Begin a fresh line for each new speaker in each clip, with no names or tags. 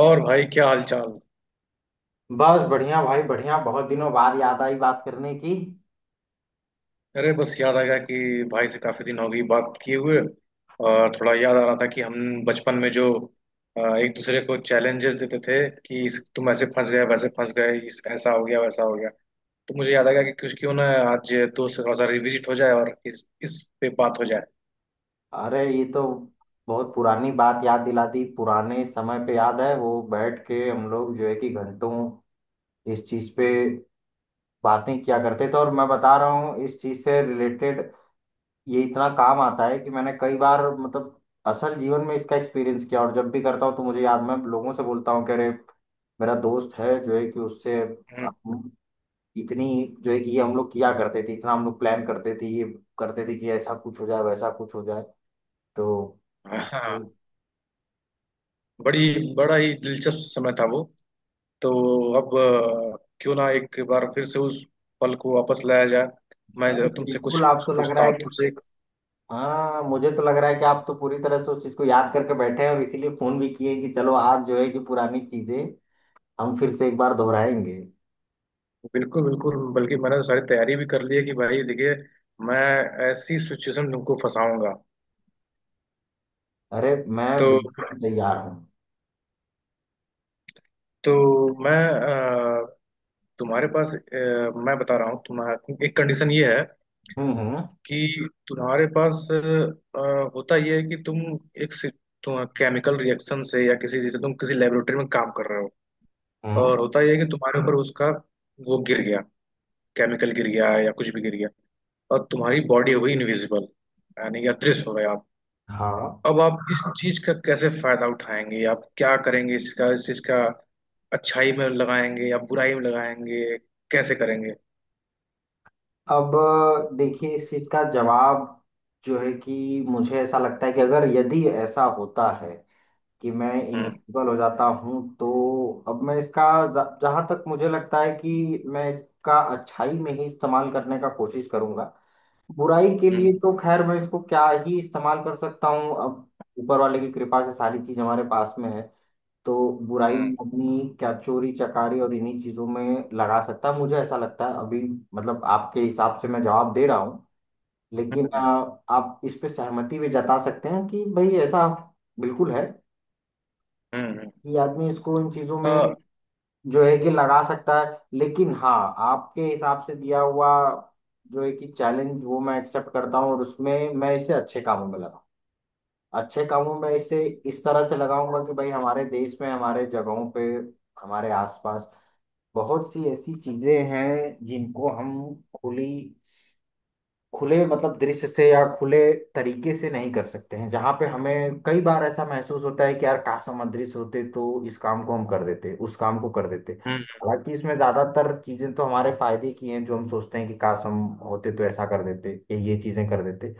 और भाई, क्या हाल चाल।
बस बढ़िया भाई, बढ़िया। बहुत दिनों बाद याद आई बात करने की।
अरे, बस याद आ गया कि भाई से काफी दिन हो गई बात किए हुए। और थोड़ा याद आ रहा था कि हम बचपन में जो एक दूसरे को चैलेंजेस देते थे कि तुम ऐसे फंस गए वैसे फंस गए, इस ऐसा हो गया वैसा हो गया। तो मुझे याद आ गया कि कुछ क्यों ना आज दोस्त थोड़ा सा रिविजिट हो जाए, और इस पे बात हो जाए।
अरे, ये तो बहुत पुरानी बात याद दिला दी। पुराने समय पे याद है वो बैठ के हम लोग जो है कि घंटों इस चीज पे बातें किया करते थे। और मैं बता रहा हूँ, इस चीज से रिलेटेड ये इतना काम आता है कि मैंने कई बार, मतलब असल जीवन में इसका एक्सपीरियंस किया। और जब भी करता हूँ तो मुझे याद, मैं लोगों से बोलता हूँ कि अरे, मेरा दोस्त है जो है कि उससे
हम्म।
इतनी जो है कि ये हम लोग किया करते थे, इतना हम लोग प्लान करते थे, ये करते थे कि ऐसा कुछ हो जाए वैसा कुछ हो जाए। तो
हाँ,
इसको-
बड़ी बड़ा ही दिलचस्प समय था वो। तो अब, क्यों ना एक बार फिर से उस पल को वापस लाया जाए। मैं
अरे
जब तुमसे कुछ
बिल्कुल, आप तो लग
पूछता
रहा है
हूँ
कि,
तुमसे।
हाँ, मुझे तो लग रहा है कि आप तो पूरी तरह से उस चीज को याद करके बैठे हैं, और इसीलिए फोन भी किए कि चलो आज जो है कि पुरानी चीजें हम फिर से एक बार दोहराएंगे।
बिल्कुल बिल्कुल, बल्कि मैंने तो सारी तैयारी भी कर ली है कि भाई देखिए, मैं ऐसी सिचुएशन में तुमको फंसाऊंगा।
अरे, मैं
तो
बिल्कुल तैयार हूँ।
तो मैं, तुम्हारे पास, मैं बता रहा हूँ तुम्हारा एक कंडीशन ये है
हम्म। हम्म।
कि तुम्हारे पास होता ये है कि तुम एक सि- तुम केमिकल रिएक्शन से, या किसी जैसे, तुम किसी लेबोरेटरी में काम कर रहे हो,
हम्म।
और होता ये है कि तुम्हारे ऊपर उसका वो गिर गया, केमिकल गिर गया या कुछ भी गिर गया, और तुम्हारी बॉडी हो गई इनविजिबल, यानी कि अदृश्य हो गया।
हाँ।
अब आप इस चीज का कैसे फायदा उठाएंगे, आप क्या करेंगे इसका, इस चीज का? अच्छाई में लगाएंगे या बुराई में लगाएंगे? कैसे करेंगे?
अब देखिए, इस चीज का जवाब जो है कि मुझे ऐसा लगता है कि अगर यदि ऐसा होता है कि मैं
हम्म।
इनेबल हो जाता हूँ तो अब मैं इसका, जहां तक मुझे लगता है कि मैं इसका अच्छाई में ही इस्तेमाल करने का कोशिश करूंगा। बुराई के लिए
हम्म।
तो खैर मैं इसको क्या ही इस्तेमाल कर सकता हूँ अब, ऊपर वाले की कृपा से सारी चीज हमारे पास में है। तो बुराई
हम्म।
में अपनी क्या चोरी चकारी और इन्हीं चीजों में लगा सकता है, मुझे ऐसा लगता है अभी। मतलब आपके हिसाब से मैं जवाब दे रहा हूँ। लेकिन
हम्म।
आप इस पे सहमति भी जता सकते हैं कि भाई ऐसा बिल्कुल है,
हम्म।
ये आदमी इसको इन चीजों में
अ,
जो है कि लगा सकता है। लेकिन हाँ, आपके हिसाब से दिया हुआ जो है कि चैलेंज, वो मैं एक्सेप्ट करता हूँ, और उसमें मैं इसे अच्छे कामों में लगा, अच्छे कामों में इसे इस तरह से लगाऊंगा कि भाई हमारे देश में, हमारे जगहों पे, हमारे आसपास बहुत सी ऐसी चीजें हैं जिनको हम खुली, खुले मतलब दृश्य से या खुले तरीके से नहीं कर सकते हैं, जहां पे हमें कई बार ऐसा महसूस होता है कि यार काश हम अदृश्य होते तो इस काम को हम कर देते, उस काम को कर देते।
हम्म।
हालांकि इसमें ज्यादातर चीजें तो हमारे फायदे की हैं जो हम सोचते हैं कि काश हम होते तो ऐसा कर देते, ये चीजें कर देते।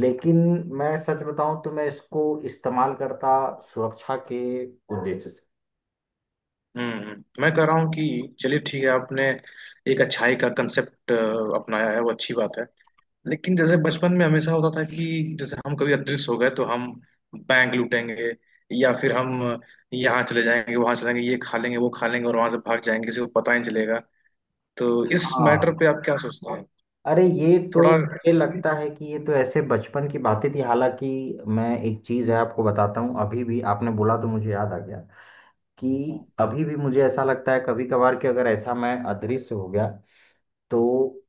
लेकिन मैं सच बताऊं तो मैं इसको इस्तेमाल करता सुरक्षा के उद्देश्य से।
हम्म। मैं कह रहा हूँ कि चलिए ठीक है, आपने एक अच्छाई का कंसेप्ट अपनाया है, वो अच्छी बात है। लेकिन जैसे बचपन में हमेशा होता था कि जैसे हम कभी अदृश्य हो गए तो हम बैंक लूटेंगे, या फिर हम यहाँ चले जाएंगे, वहां चले जाएंगे, ये खा लेंगे, वो खा लेंगे और वहां से भाग जाएंगे, किसी को पता ही नहीं चलेगा। तो इस मैटर
हाँ।
पे आप क्या सोचते हैं?
अरे, ये तो
थोड़ा। हम्म।
मुझे लगता है कि ये तो ऐसे बचपन की बातें थी। हालांकि मैं एक चीज है आपको बताता हूँ, अभी भी आपने बोला तो मुझे याद आ गया कि अभी भी मुझे ऐसा लगता है कभी कभार कि अगर ऐसा मैं अदृश्य हो गया, तो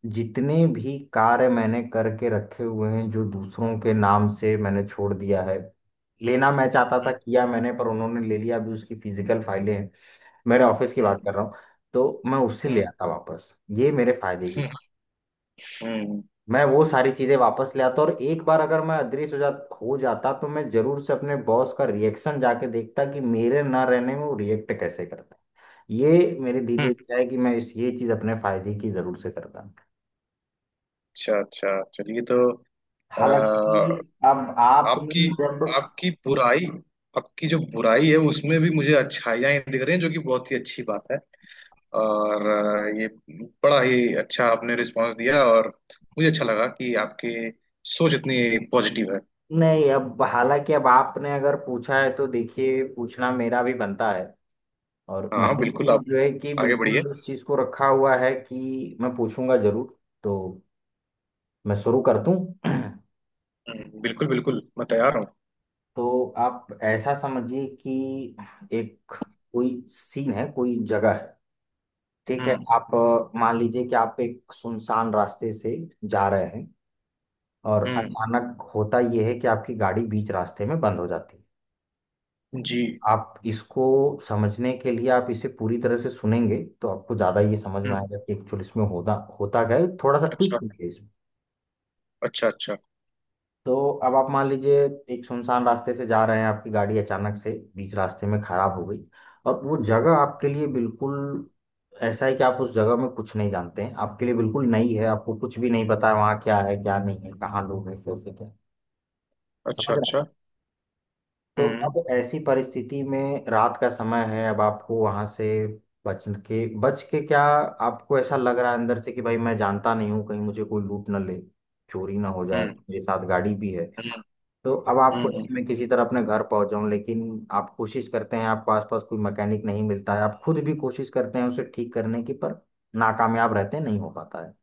जितने भी कार्य मैंने करके रखे हुए हैं जो दूसरों के नाम से मैंने छोड़ दिया है, लेना मैं चाहता था, किया मैंने पर उन्होंने ले लिया, अभी उसकी फिजिकल फाइलें हैं, मेरे ऑफिस की
हम्म।
बात कर रहा हूँ, तो मैं उससे ले
हम्म।
आता वापस। ये मेरे फायदे की,
हम्म। हम्म।
मैं वो सारी चीजें वापस ले आता। और एक बार अगर मैं अदृश्य हो जाता तो मैं जरूर से अपने बॉस का रिएक्शन जाके देखता कि मेरे ना रहने में वो रिएक्ट कैसे करता है। ये मेरे दिल की
हम्म।
इच्छा है कि मैं इस ये चीज अपने फायदे की जरूर से करता।
अच्छा अच्छा, चलिए। तो, आ,
हालांकि अब
आपकी
आपने जब,
आपकी बुराई, आपकी जो बुराई है उसमें भी मुझे अच्छाइयाँ ही दिख रही हैं, जो कि बहुत ही अच्छी बात है। और ये बड़ा ही अच्छा आपने रिस्पांस दिया, और मुझे अच्छा लगा कि आपकी सोच इतनी पॉजिटिव है।
नहीं अब हालांकि अब आपने अगर पूछा है तो देखिए पूछना मेरा भी बनता है, और
हाँ
मैंने
बिल्कुल,
भी
आप
जो है कि
आगे बढ़िए।
बिल्कुल उस चीज को रखा हुआ है कि मैं पूछूंगा जरूर। तो मैं शुरू कर दूं।
बिल्कुल बिल्कुल, मैं तैयार हूँ।
तो आप ऐसा समझिए कि एक कोई सीन है, कोई जगह है, ठीक है
हम्म।
आप, मान लीजिए कि आप एक सुनसान रास्ते से जा रहे हैं, और
हम्म।
अचानक होता यह है कि आपकी गाड़ी बीच रास्ते में बंद हो जाती है।
जी।
आप इसको समझने के लिए आप इसे पूरी तरह से सुनेंगे तो आपको ज़्यादा ये समझ में
हम्म।
आएगा कि एक्चुअली इसमें होता होता क्या है, थोड़ा सा
अच्छा।
ट्विस्ट भी है।
अच्छा। अच्छा।
तो अब आप मान लीजिए, एक सुनसान रास्ते से जा रहे हैं, आपकी गाड़ी अचानक से बीच रास्ते में खराब हो गई, और वो जगह आपके लिए बिल्कुल ऐसा है कि आप उस जगह में कुछ नहीं जानते हैं, आपके लिए बिल्कुल नई है, आपको कुछ भी नहीं पता है वहाँ क्या है क्या नहीं है, कहाँ लोग हैं, कैसे क्या,
अच्छा।
समझ रहे हैं
अच्छा।
आप। तो
हम्म।
अब ऐसी परिस्थिति में रात का समय है, अब आपको वहाँ से बच के, बच के क्या, आपको ऐसा लग रहा है अंदर से कि भाई मैं जानता नहीं हूँ, कहीं मुझे कोई लूट ना ले, चोरी ना हो जाए,
हम्म।
मेरे साथ गाड़ी भी है।
हम्म।
तो अब आपको है
हम्म।
कि मैं किसी तरह अपने घर पहुंच जाऊं, लेकिन आप कोशिश करते हैं आपको आसपास कोई मैकेनिक नहीं मिलता है, आप खुद भी कोशिश करते हैं उसे ठीक करने की पर नाकामयाब रहते हैं, नहीं हो पाता है।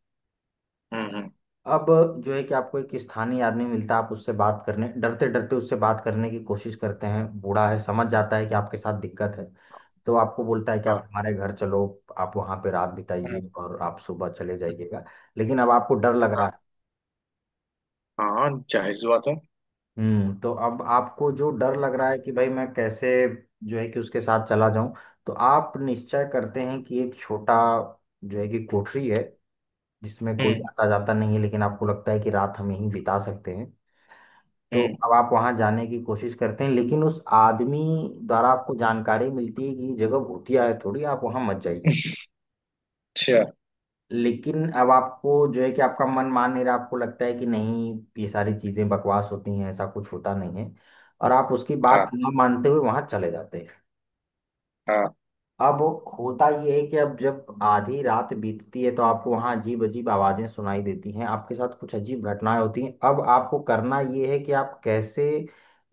हम्म। हम्म।
अब जो है कि आपको एक स्थानीय आदमी मिलता है, आप उससे बात करने, डरते डरते उससे बात करने की कोशिश करते हैं, बूढ़ा है समझ जाता है कि आपके साथ दिक्कत है, तो आपको बोलता है कि
हाँ।
आप हमारे घर चलो, आप वहाँ पे रात
हम्म।
बिताइए और आप सुबह चले जाइएगा। लेकिन अब आपको डर लग रहा
हाँ।
है।
हाँ, जाहिर सी बात है।
हम्म। तो अब आपको जो डर लग रहा है कि भाई मैं कैसे जो है कि उसके साथ चला जाऊं, तो आप निश्चय करते हैं कि एक छोटा जो है कि कोठरी है, जिसमें कोई
हम्म।
आता जाता नहीं है, लेकिन आपको लगता है कि रात हम यहीं बिता सकते हैं। तो
हम्म।
अब आप वहां जाने की कोशिश करते हैं लेकिन उस आदमी द्वारा आपको जानकारी मिलती है कि ये जगह भूतिया है थोड़ी, आप वहां मत जाइए।
अच्छा।
लेकिन अब आपको जो है कि आपका मन मान नहीं रहा, आपको लगता है कि नहीं ये सारी चीजें बकवास होती हैं, ऐसा कुछ होता नहीं है, और आप उसकी बात
हाँ।
ना मानते हुए वहां चले जाते हैं।
हाँ।
अब होता ये है कि अब जब आधी रात बीतती है तो आपको वहां अजीब अजीब आवाजें सुनाई देती हैं, आपके साथ कुछ अजीब घटनाएं होती हैं। अब आपको करना ये है कि आप कैसे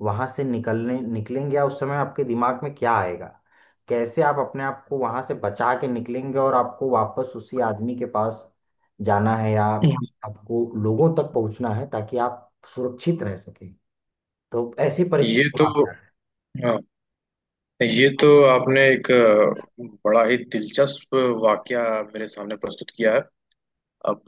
वहां से निकलने निकलेंगे, या उस समय आपके दिमाग में क्या आएगा, कैसे आप अपने आप को वहां से बचा के निकलेंगे, और आपको वापस उसी आदमी के पास जाना है, या
हम्म।
आपको लोगों तक पहुंचना है ताकि आप सुरक्षित रह सकें। तो ऐसी परिस्थिति
ये तो।
में आप क्या
हाँ, ये तो आपने एक बड़ा ही दिलचस्प वाकया मेरे सामने प्रस्तुत किया है। अब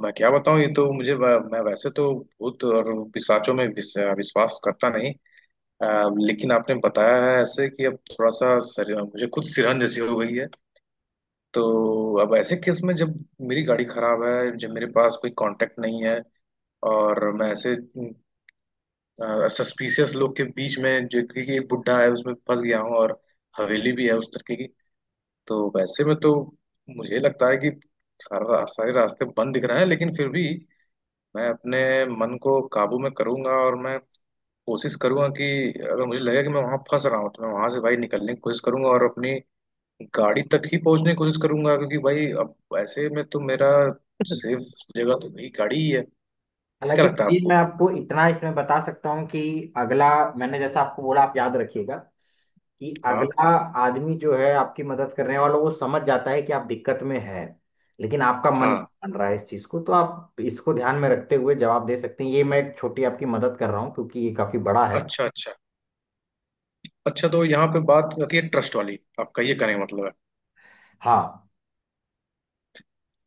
मैं क्या बताऊं, ये तो मैं वैसे तो भूत और पिशाचों में विश्वास करता नहीं। अ, लेकिन आपने बताया है ऐसे कि अब थोड़ा सा, मुझे खुद सिरहन जैसी हो गई है। तो अब ऐसे केस में, जब मेरी गाड़ी खराब है, जब मेरे पास कोई कांटेक्ट नहीं है, और मैं ऐसे सस्पिशियस लोग के बीच में, जो कि एक बुड्ढा है, उसमें फंस गया हूँ, और हवेली भी है उस तरीके की, तो वैसे में तो मुझे लगता है कि सारे रास्ते बंद दिख रहे हैं। लेकिन फिर भी मैं अपने मन को काबू में करूंगा, और मैं कोशिश करूंगा कि अगर मुझे लगेगा कि मैं वहां फंस रहा हूँ, तो मैं वहां से, भाई, निकलने की कोशिश करूंगा, और अपनी गाड़ी तक ही पहुंचने की कोशिश करूंगा, क्योंकि भाई अब ऐसे में तो मेरा
करें?
सेफ जगह तो भाई गाड़ी ही है। क्या
हालांकि
लगता है
चलिए, मैं
आपको?
आपको इतना इसमें बता सकता हूँ कि अगला मैंने जैसा आपको बोला, आप याद रखिएगा कि
हाँ।
अगला आदमी जो है आपकी मदद करने वाला, वो समझ जाता है कि आप दिक्कत में है, लेकिन आपका मन नहीं
हाँ।
मान रहा है इस चीज को, तो आप इसको ध्यान में रखते हुए जवाब दे सकते हैं। ये मैं एक छोटी आपकी मदद कर रहा हूँ, क्योंकि ये काफी बड़ा है।
अच्छा अच्छा। अच्छा, तो यहाँ पे बात आती है ट्रस्ट वाली, आपका ये कहने का मतलब है।
हाँ।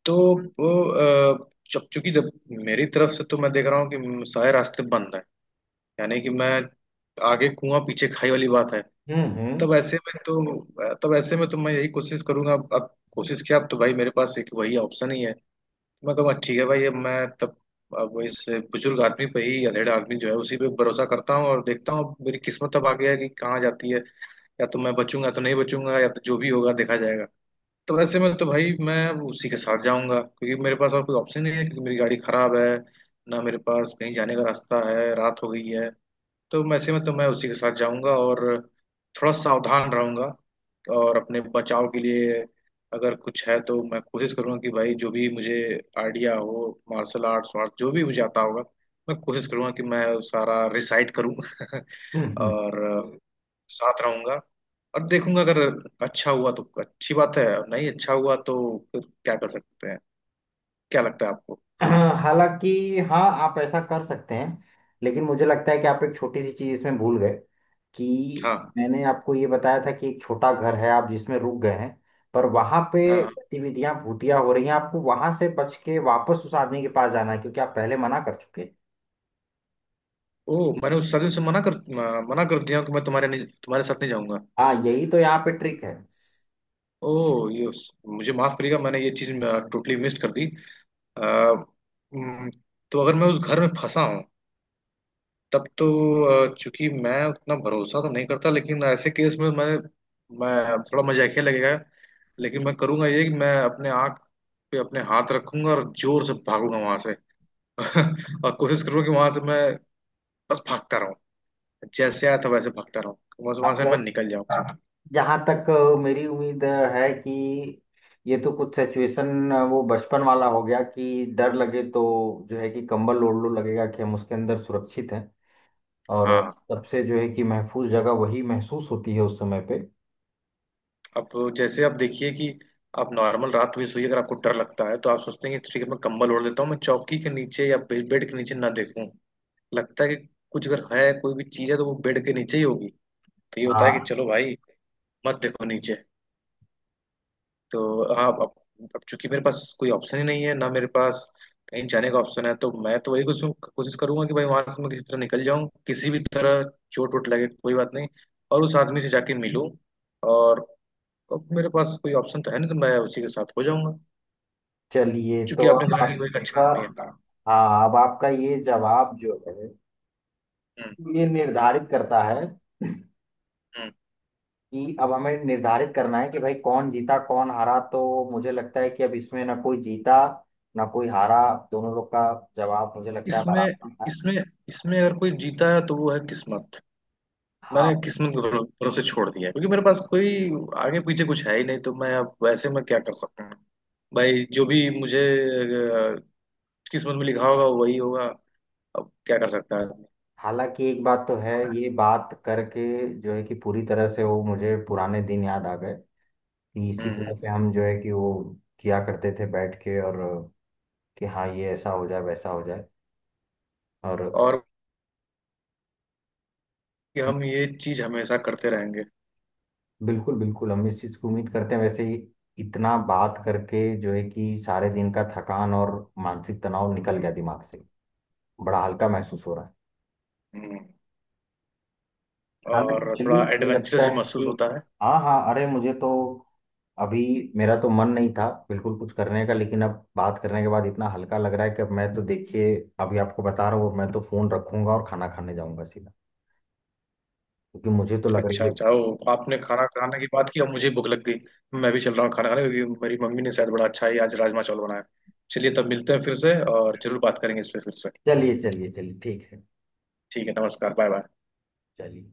तो वो, जब चूंकि जब, मेरी तरफ से तो मैं देख रहा हूँ कि सारे रास्ते बंद हैं, यानी कि मैं, आगे कुआं पीछे खाई वाली बात है।
हम्म।
तब ऐसे में तो मैं यही कोशिश करूंगा। अब कोशिश किया, अब तो भाई मेरे पास एक वही ऑप्शन ही है। मैं कहूँगा ठीक है भाई, अब मैं तब अब वो इस बुजुर्ग आदमी पे ही, अधेड़ आदमी जो है उसी पे भरोसा करता हूँ, और देखता हूँ मेरी किस्मत अब आगे है कि कहाँ जाती है। या तो मैं बचूंगा, तो नहीं बचूंगा, या तो जो भी होगा देखा जाएगा। तो वैसे में तो भाई मैं उसी के साथ जाऊंगा, क्योंकि मेरे पास और कोई ऑप्शन नहीं है, क्योंकि मेरी गाड़ी खराब है, ना मेरे पास कहीं जाने का रास्ता है, रात हो गई है। तो वैसे में तो मैं उसी के साथ जाऊंगा, और थोड़ा सावधान रहूंगा, और अपने बचाव के लिए अगर कुछ है तो मैं कोशिश करूंगा कि भाई जो भी मुझे आइडिया हो, मार्शल आर्ट्स वार्ट जो भी मुझे आता होगा, मैं कोशिश करूंगा कि मैं वो सारा रिसाइट करूं
हम्म।
और साथ रहूंगा, और देखूंगा। अगर अच्छा हुआ तो अच्छी बात है, और नहीं अच्छा हुआ तो फिर क्या कर सकते हैं। क्या लगता है आपको?
हालांकि हाँ, आप ऐसा कर सकते हैं, लेकिन मुझे लगता है कि आप एक छोटी सी चीज़ इसमें भूल गए, कि
हाँ।
मैंने आपको ये बताया था कि एक छोटा घर है आप जिसमें रुक गए हैं, पर वहां पे
हाँ।
गतिविधियां भूतिया हो रही हैं, आपको वहां से बच के वापस उस आदमी के पास जाना है, क्योंकि आप पहले मना कर चुके हैं।
ओ, मैंने उस साजिश से मना कर दिया कि मैं तुम्हारे नहीं, तुम्हारे साथ नहीं जाऊंगा।
हाँ, यही तो यहाँ पे ट्रिक है।
ओह, ये, मुझे माफ करिएगा, मैंने ये चीज टोटली मिस कर दी। अ, हम्म, तो अगर मैं उस घर में फंसा हूँ तब तो, चूंकि मैं उतना भरोसा तो नहीं करता, लेकिन ऐसे केस में मैं थोड़ा मजाकिया लगेगा, लेकिन मैं करूंगा ये कि मैं अपने आँख पे अपने हाथ रखूंगा और जोर से भागूंगा वहां से और कोशिश करूंगा कि वहां से मैं बस भागता रहूं, जैसे आया था वैसे भागता रहूं, बस वहां से मैं
आप,
निकल जाऊं।
जहाँ तक मेरी उम्मीद है कि ये तो कुछ सिचुएशन वो बचपन वाला हो गया कि डर लगे तो जो है कि कंबल ओढ़ लो, लगेगा कि हम उसके अंदर सुरक्षित हैं। और
हाँ।
सबसे जो है कि महफूज जगह वही महसूस होती है उस समय पे।
अब जैसे आप देखिए कि आप नॉर्मल रात में सोइए, अगर आपको डर लगता है, तो आप सोचते हैं कि ठीक है, मैं कम्बल ओढ़ लेता हूँ, मैं चौकी के नीचे या बेड के नीचे ना देखूं। लगता है कि कुछ अगर है, कोई भी चीज है, तो वो बेड के नीचे ही होगी। तो ये होता है कि
हाँ।
चलो भाई, मत देखो नीचे। तो हाँ, अब चूंकि मेरे पास कोई ऑप्शन ही नहीं है, ना मेरे पास कहीं जाने का ऑप्शन है, तो मैं तो वही कुछ कोशिश करूंगा कि भाई वहां से मैं किसी तरह निकल जाऊं, किसी भी तरह, चोट वोट लगे कोई बात नहीं, और उस आदमी से जाके मिलूं, और अब मेरे पास कोई ऑप्शन तो है नहीं, तो मैं उसी के साथ हो जाऊंगा,
चलिए तो
क्योंकि आपने
अब
कहा कि वो एक अच्छा
आपका,
आदमी है।
हाँ अब आपका ये जवाब जो है,
हम्म।
ये निर्धारित करता है
हम्म।
कि अब हमें निर्धारित करना है कि भाई कौन जीता कौन हारा। तो मुझे लगता है कि अब इसमें ना कोई जीता, ना कोई हारा, दोनों लोग का जवाब मुझे लगता है
इसमें
बराबर है।
इसमें इसमें अगर कोई जीता है तो वो है किस्मत। मैंने
हाँ।
किस्मत के भरोसे छोड़ दिया है, क्योंकि मेरे पास कोई आगे पीछे कुछ है ही नहीं, तो मैं अब, वैसे मैं क्या कर सकता हूँ। भाई जो भी मुझे किस्मत में लिखा होगा वही होगा। अब क्या कर सकता है आदमी।
हालांकि एक बात तो है, ये बात करके जो है कि पूरी तरह से वो मुझे पुराने दिन याद आ गए, कि इसी
हम्म।
तरह
हम्म।
से हम जो है कि वो किया करते थे बैठ के, और कि हाँ ये ऐसा हो जाए वैसा हो जाए, और
और, कि हम ये चीज हमेशा करते रहेंगे।
बिल्कुल बिल्कुल। हम इस चीज़ की उम्मीद करते हैं वैसे ही। इतना बात करके जो है कि सारे दिन का थकान और मानसिक तनाव निकल गया दिमाग से, बड़ा हल्का महसूस हो रहा है।
हम्म।
हालांकि
और
चलिए,
थोड़ा
मुझे लगता
एडवेंचरस भी
है
महसूस
कि,
होता है।
हाँ हाँ, अरे मुझे तो अभी, मेरा तो मन नहीं था बिल्कुल कुछ करने का, लेकिन अब बात करने के बाद इतना हल्का लग रहा है कि अब मैं तो देखिए, अभी आपको बता रहा हूँ मैं तो फोन रखूंगा और खाना खाने जाऊंगा सीधा, क्योंकि मुझे तो लग रही
अच्छा
है।
अच्छा, ओ आपने खाना खाने की बात की, अब मुझे भूख लग गई। मैं भी चल रहा हूँ खाना खाने, क्योंकि मेरी मम्मी ने शायद बड़ा अच्छा ही आज राजमा चावल बनाया। चलिए, तब मिलते हैं फिर से और जरूर बात करेंगे इस पे फिर से।
चलिए चलिए चलिए, ठीक है।
ठीक है, नमस्कार, बाय बाय।
चलिए।